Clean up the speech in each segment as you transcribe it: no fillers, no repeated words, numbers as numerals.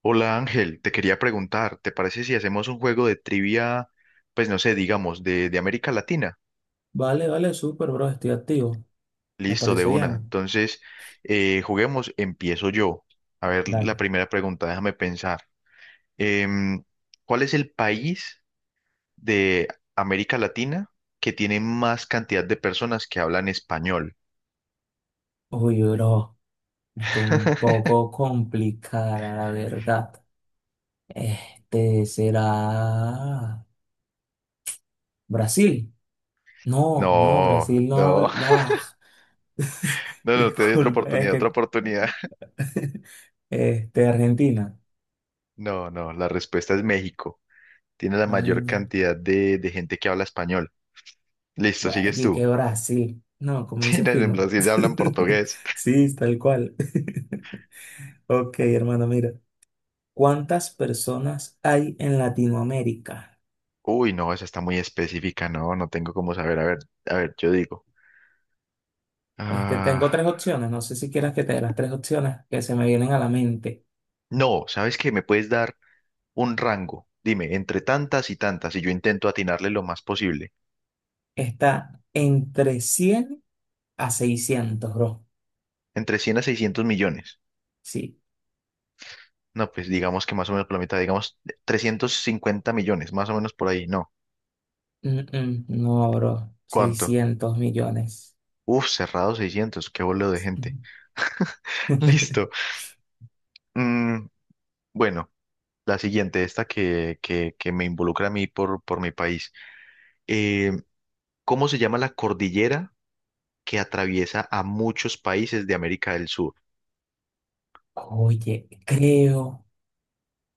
Hola Ángel, te quería preguntar, ¿te parece si hacemos un juego de trivia, pues no sé, digamos, de América Latina? Vale, vale, súper, bro, estoy activo. Me Listo, de parece una. bien. Entonces, juguemos, empiezo yo. A ver, la Dale. primera pregunta, déjame pensar. Em, ¿Cuál es el país de América Latina que tiene más cantidad de personas que hablan español? Uy, bro, está un poco complicada, la verdad. Será Brasil. No, no, No, Brasil no no, habla. Ah, no, no, te doy otra disculpa, es oportunidad, otra que oportunidad. Argentina. No, no, la respuesta es México. Tiene la mayor Ah, cantidad de gente que habla español. Listo, bueno, sigues y tú. que Brasil. No, Sí, comencé no, en fino. Brasil ya hablan portugués. Sí, tal cual. Ok, hermano, mira. ¿Cuántas personas hay en Latinoamérica? Uy, no, esa está muy específica, no, no tengo cómo saber. A ver, yo digo. Ah, Tengo tres opciones, no sé si quieras que te dé las tres opciones que se me vienen a la mente. no, ¿sabes qué? Me puedes dar un rango. Dime, entre tantas y tantas, y yo intento atinarle lo más posible. Está entre 100 a 600 bro. Entre 100 a 600 millones. Sí. No, pues digamos que más o menos por la mitad, digamos 350 millones, más o menos por ahí. No, Mm, mm, no, bro. ¿cuánto? 600 millones. Uf, cerrado 600. Qué bolo de gente. Listo. Mm, bueno. La siguiente, esta que me involucra a mí por mi país. Eh, ¿Cómo se llama la cordillera que atraviesa a muchos países de América del Sur? Oye, creo,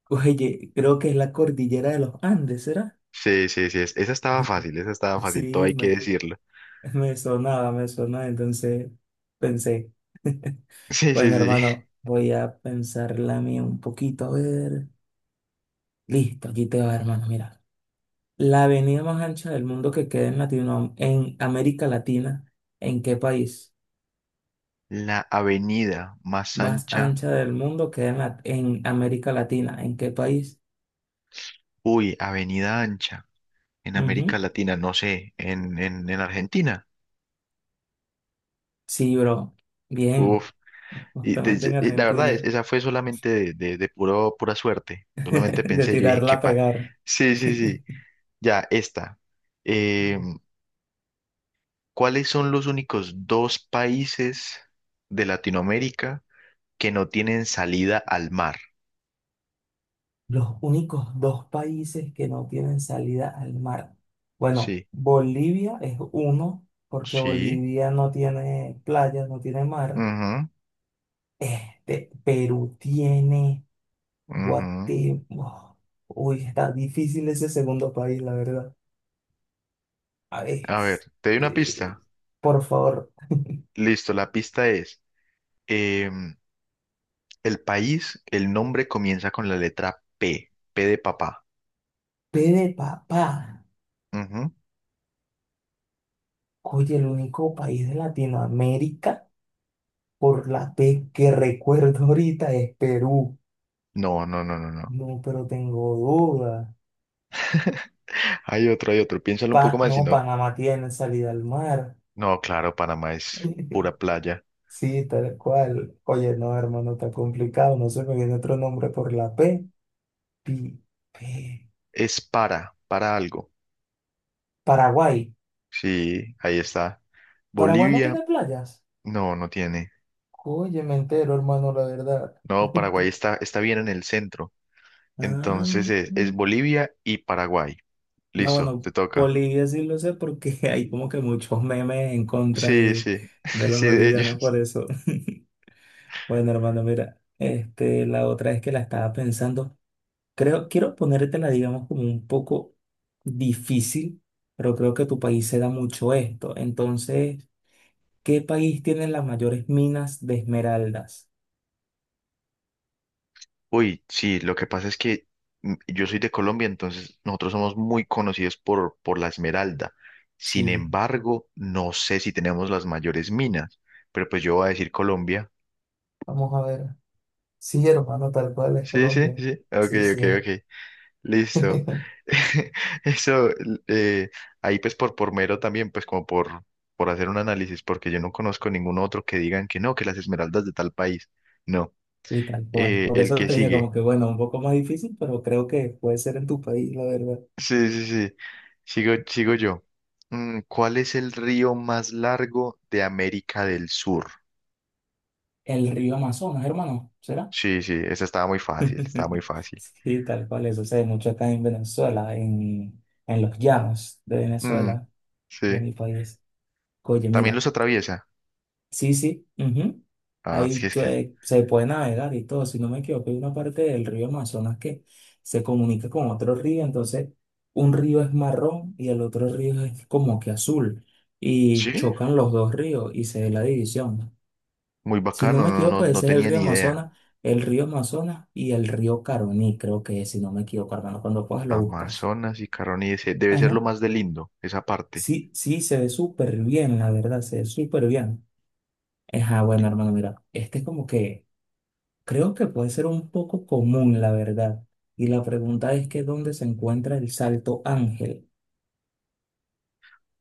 oye, creo que es la cordillera de los Andes, ¿será? Sí, sí, sí, esa estaba fácil, todo hay Sí, que me, decirlo. Me sonaba, entonces pensé. Sí, sí, Bueno, sí. hermano, voy a pensarla mía un poquito, a ver. Listo, aquí te va, hermano. Mira, la avenida más ancha del mundo que queda en Latino, en América Latina, ¿en qué país? La avenida más Más ancha, ancha del mundo queda en, la- en América Latina, ¿en qué país? uy, avenida ancha, en América Ujú. Latina, no sé, en Argentina. Sí, bro. Bien, Uf, y, justamente de- en y la verdad, Argentina. Esa fue solamente de pura suerte. Solamente De pensé, yo dije, tirarla qué a pa... pegar. Sí, sí, sí. Ya, esta. Eh, ¿Cuáles son los únicos dos países de Latinoamérica que no tienen salida al mar? Los únicos dos países que no tienen salida al mar. Bueno, Sí, Bolivia es uno, porque sí. Bolivia no tiene playas, no tiene mar. Ujú, Perú tiene ujú. Guatemala. Uy, está difícil ese segundo país, la verdad. A ver, A ver, te doy una pista. Por favor, Listo, la pista es, em, el país, el nombre comienza con la letra P, P de papá. P de papá. Ujú. Oye, el único país de Latinoamérica por la P que recuerdo ahorita es Perú. No, no, no, no, no. No, pero tengo dudas. Hay otro, hay otro. Piénsalo un poco Pa- más, si no, no. Panamá tiene salida al mar. No, claro, Panamá es pura playa. Sí, tal cual. Oye, no, hermano, está complicado. No se me viene otro nombre por la P. Pi- P. Es para algo. Paraguay. Sí, ahí está. Paraguay no Bolivia, tiene playas. no, no tiene. Oye, me entero, hermano, la verdad. No, Paraguay está, está bien en el centro. Entonces Ah, es Bolivia y Paraguay. no, Listo, bueno, te toca. Bolivia sí lo sé porque hay como que muchos memes en contra Sí, sí, de los sí, de bolivianos por ellos. eso. Bueno, hermano, mira, la otra es que la estaba pensando. Creo, quiero ponértela, digamos, como un poco difícil, pero creo que tu país se da mucho esto. Entonces, ¿qué país tiene las mayores minas de esmeraldas? Uy, sí, lo que pasa es que mm, yo soy de Colombia, entonces nosotros somos muy conocidos por la Esmeralda. Sin Sí. embargo, no sé si tenemos las mayores minas, pero pues yo voy a decir Colombia. Vamos a ver. Sí, hermano, tal cual es Sí, sí, Colombia. sí. Ok, Sí, sí ok, es. ok. Listo. Eso, eh, ahí pues por mero también, pues como por hacer un análisis, porque yo no conozco ningún otro que digan que no, que las esmeraldas de tal país. No. Y tal cual. Por El eso que te dije sigue. como que, bueno, un poco más difícil, pero creo que puede ser en tu país, la verdad. Sí, sí, sí. Sigo, sigo yo. ¿Cuál es el río más largo de América del Sur? El río Amazonas, hermano, ¿será? Sí, sí, esa estaba muy fácil, estaba muy fácil. Sí, tal cual. Eso se ve mucho acá en los llanos de Mm, Venezuela, de sí. mi país. Oye, ¿También mira. los atraviesa? Sí, sí, ujú. Ah, sí, Ahí es que... se, se puede navegar y todo. Si no me equivoco, hay una parte del río Amazonas que se comunica con otro río. Entonces, un río es marrón y el otro río es como que azul. Y Sí, chocan los dos ríos y se ve la división. muy Si no bacano, me no, no, equivoco, no ese es tenía ni idea. El río Amazonas y el río Caroní, creo que es, si no me equivoco, hermano. Cuando puedas lo buscas. Amazonas y Caroni, ese debe ser Ajá. lo más de lindo, esa parte. Sí, sí, se ve súper bien, la verdad, se ve súper bien. Ajá, bueno, hermano, mira, este es como que. Creo que puede ser un poco común, la verdad. Y la pregunta es que ¿dónde se encuentra el Salto Ángel?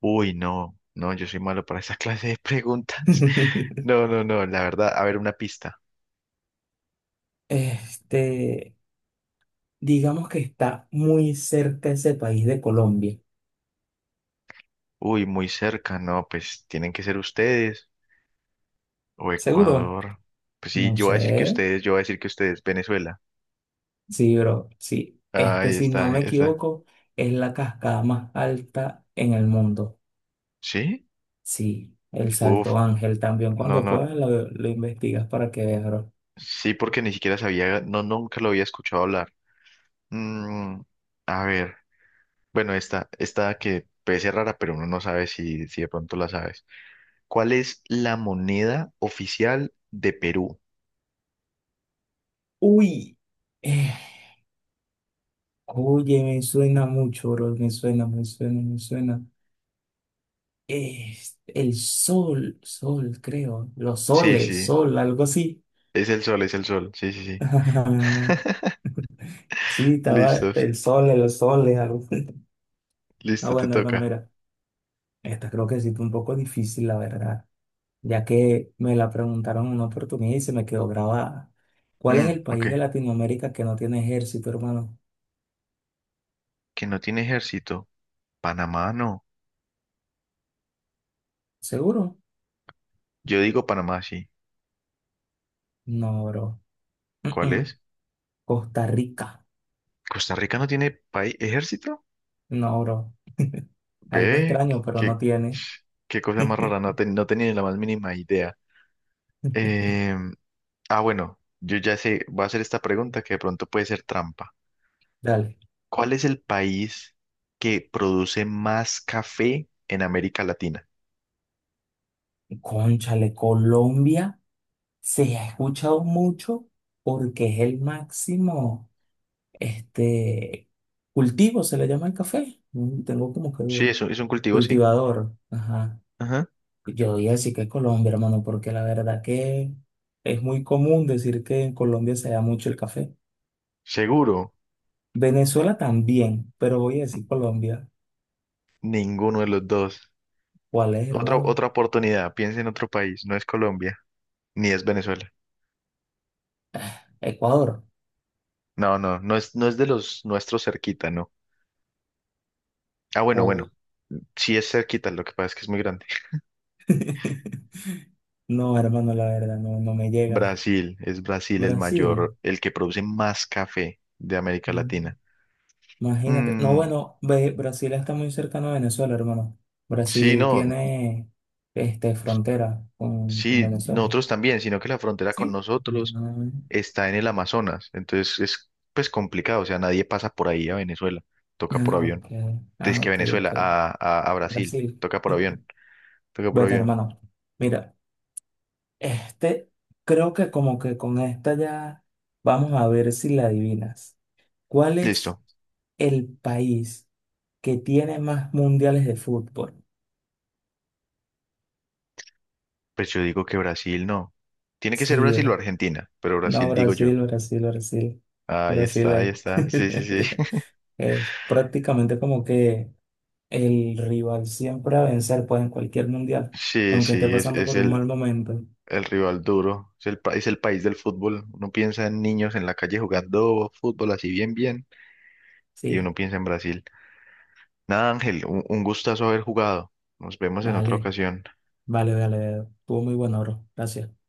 Uy, no, no, yo soy malo para esa clase de preguntas. No, no, no, la verdad, a ver una pista. Este, digamos que está muy cerca ese país de Colombia. Uy, muy cerca, no, pues tienen que ser ustedes o ¿Seguro? Ecuador. Pues sí, No yo voy a decir que sé. ustedes, yo voy a decir que ustedes, Venezuela. Sí, bro. Sí. Ah, ahí Si no está, ahí me está. equivoco, es la cascada más alta en el mundo. ¿Sí? Sí, el Uf, Salto Ángel también. no, Cuando no, puedas lo investigas para que veas, bro. sí, porque ni siquiera sabía, no, nunca lo había escuchado hablar. Mm, a ver, bueno, esta que puede ser rara, pero uno no sabe si, de pronto la sabes. ¿Cuál es la moneda oficial de Perú? Uy. Eh, Oye, me suena mucho, bro. Me suena, me suena, me suena. Es el sol, sol, creo. Los Sí, soles, sí, sol, algo así. es el sol, es el sol. Sí, sí, sí. Sí, estaba Listos, el sol, los soles, algo. Ah, listo, te bueno, hermano, toca. mira. Esta creo que sí fue un poco difícil, la verdad. Ya que me la preguntaron en una oportunidad y se me quedó grabada. ¿Cuál es Mm, el ok. país de Latinoamérica que no tiene ejército, hermano? Que no tiene ejército. Panamá no. ¿Seguro? Yo digo Panamá, sí. No, bro. Mm, ¿Cuál mm. es? Costa Rica. ¿Costa Rica no tiene país ejército? No, bro. Algo Ve, extraño, pero no qué, tiene. qué cosa más rara, no, ten- no tenía ni la más mínima idea. Em, ah, bueno, yo ya sé, voy a hacer esta pregunta que de pronto puede ser trampa. Dale. ¿Cuál es el país que produce más café en América Latina? Cónchale, Colombia se ha escuchado mucho porque es el máximo este, cultivo, se le llama el café. Mm, tengo como que Sí, duda. es un cultivo, sí. Cultivador. Ajá. Ajá. Yo diría sí que Colombia, hermano, porque la verdad que es muy común decir que en Colombia se da mucho el café. Seguro, Venezuela también, pero voy a decir Colombia. ninguno de los dos. ¿Cuál es, Otra, hermano? otra oportunidad, piensa en otro país, no es Colombia, ni es Venezuela. Ecuador. No, no, no es, no es de los nuestros cerquita, no. Ah, bueno, bueno, sí es cerquita, lo que pasa es que es muy grande. No, hermano, la verdad, no, no me llega. Brasil, es Brasil el Brasil, mayor, el que produce más café de América mm, Latina. imagínate. No, Mm, bueno, ve- Brasil está muy cercano a Venezuela, hermano. sí, Brasil no, tiene frontera con sí, Venezuela. nosotros también, sino que la frontera con ¿Sí? nosotros Mm, está en el Amazonas, entonces es pues complicado, o sea, nadie pasa por ahí a Venezuela, toca por ah, avión. ok. Es Ah, que ok, ok. Venezuela a Brasil, Brasil. toca por avión, toca por Bueno, avión. hermano, mira, este, creo que como que con esta ya vamos a ver si la adivinas. ¿Cuál es Listo, el país? Que tiene más mundiales de fútbol. pues yo digo que Brasil no. Tiene que ser Sí, Brasil o bra- Argentina, pero Brasil no, digo yo. Brasil, Brasil, Brasil. Brasil Ahí es, está, sí, sí, sí. es prácticamente como que el rival siempre a vencer, pues en cualquier mundial, Sí, aunque esté sí, es, pasando es por un el, mal momento. el rival duro, es el país del fútbol. Uno piensa en niños en la calle jugando fútbol así bien, bien, y uno Sí, piensa en Brasil. Nada, Ángel, un gustazo haber jugado. Nos vemos en otra vale, ocasión. vale, vale. Vale. Estuvo muy bueno, bro. Gracias.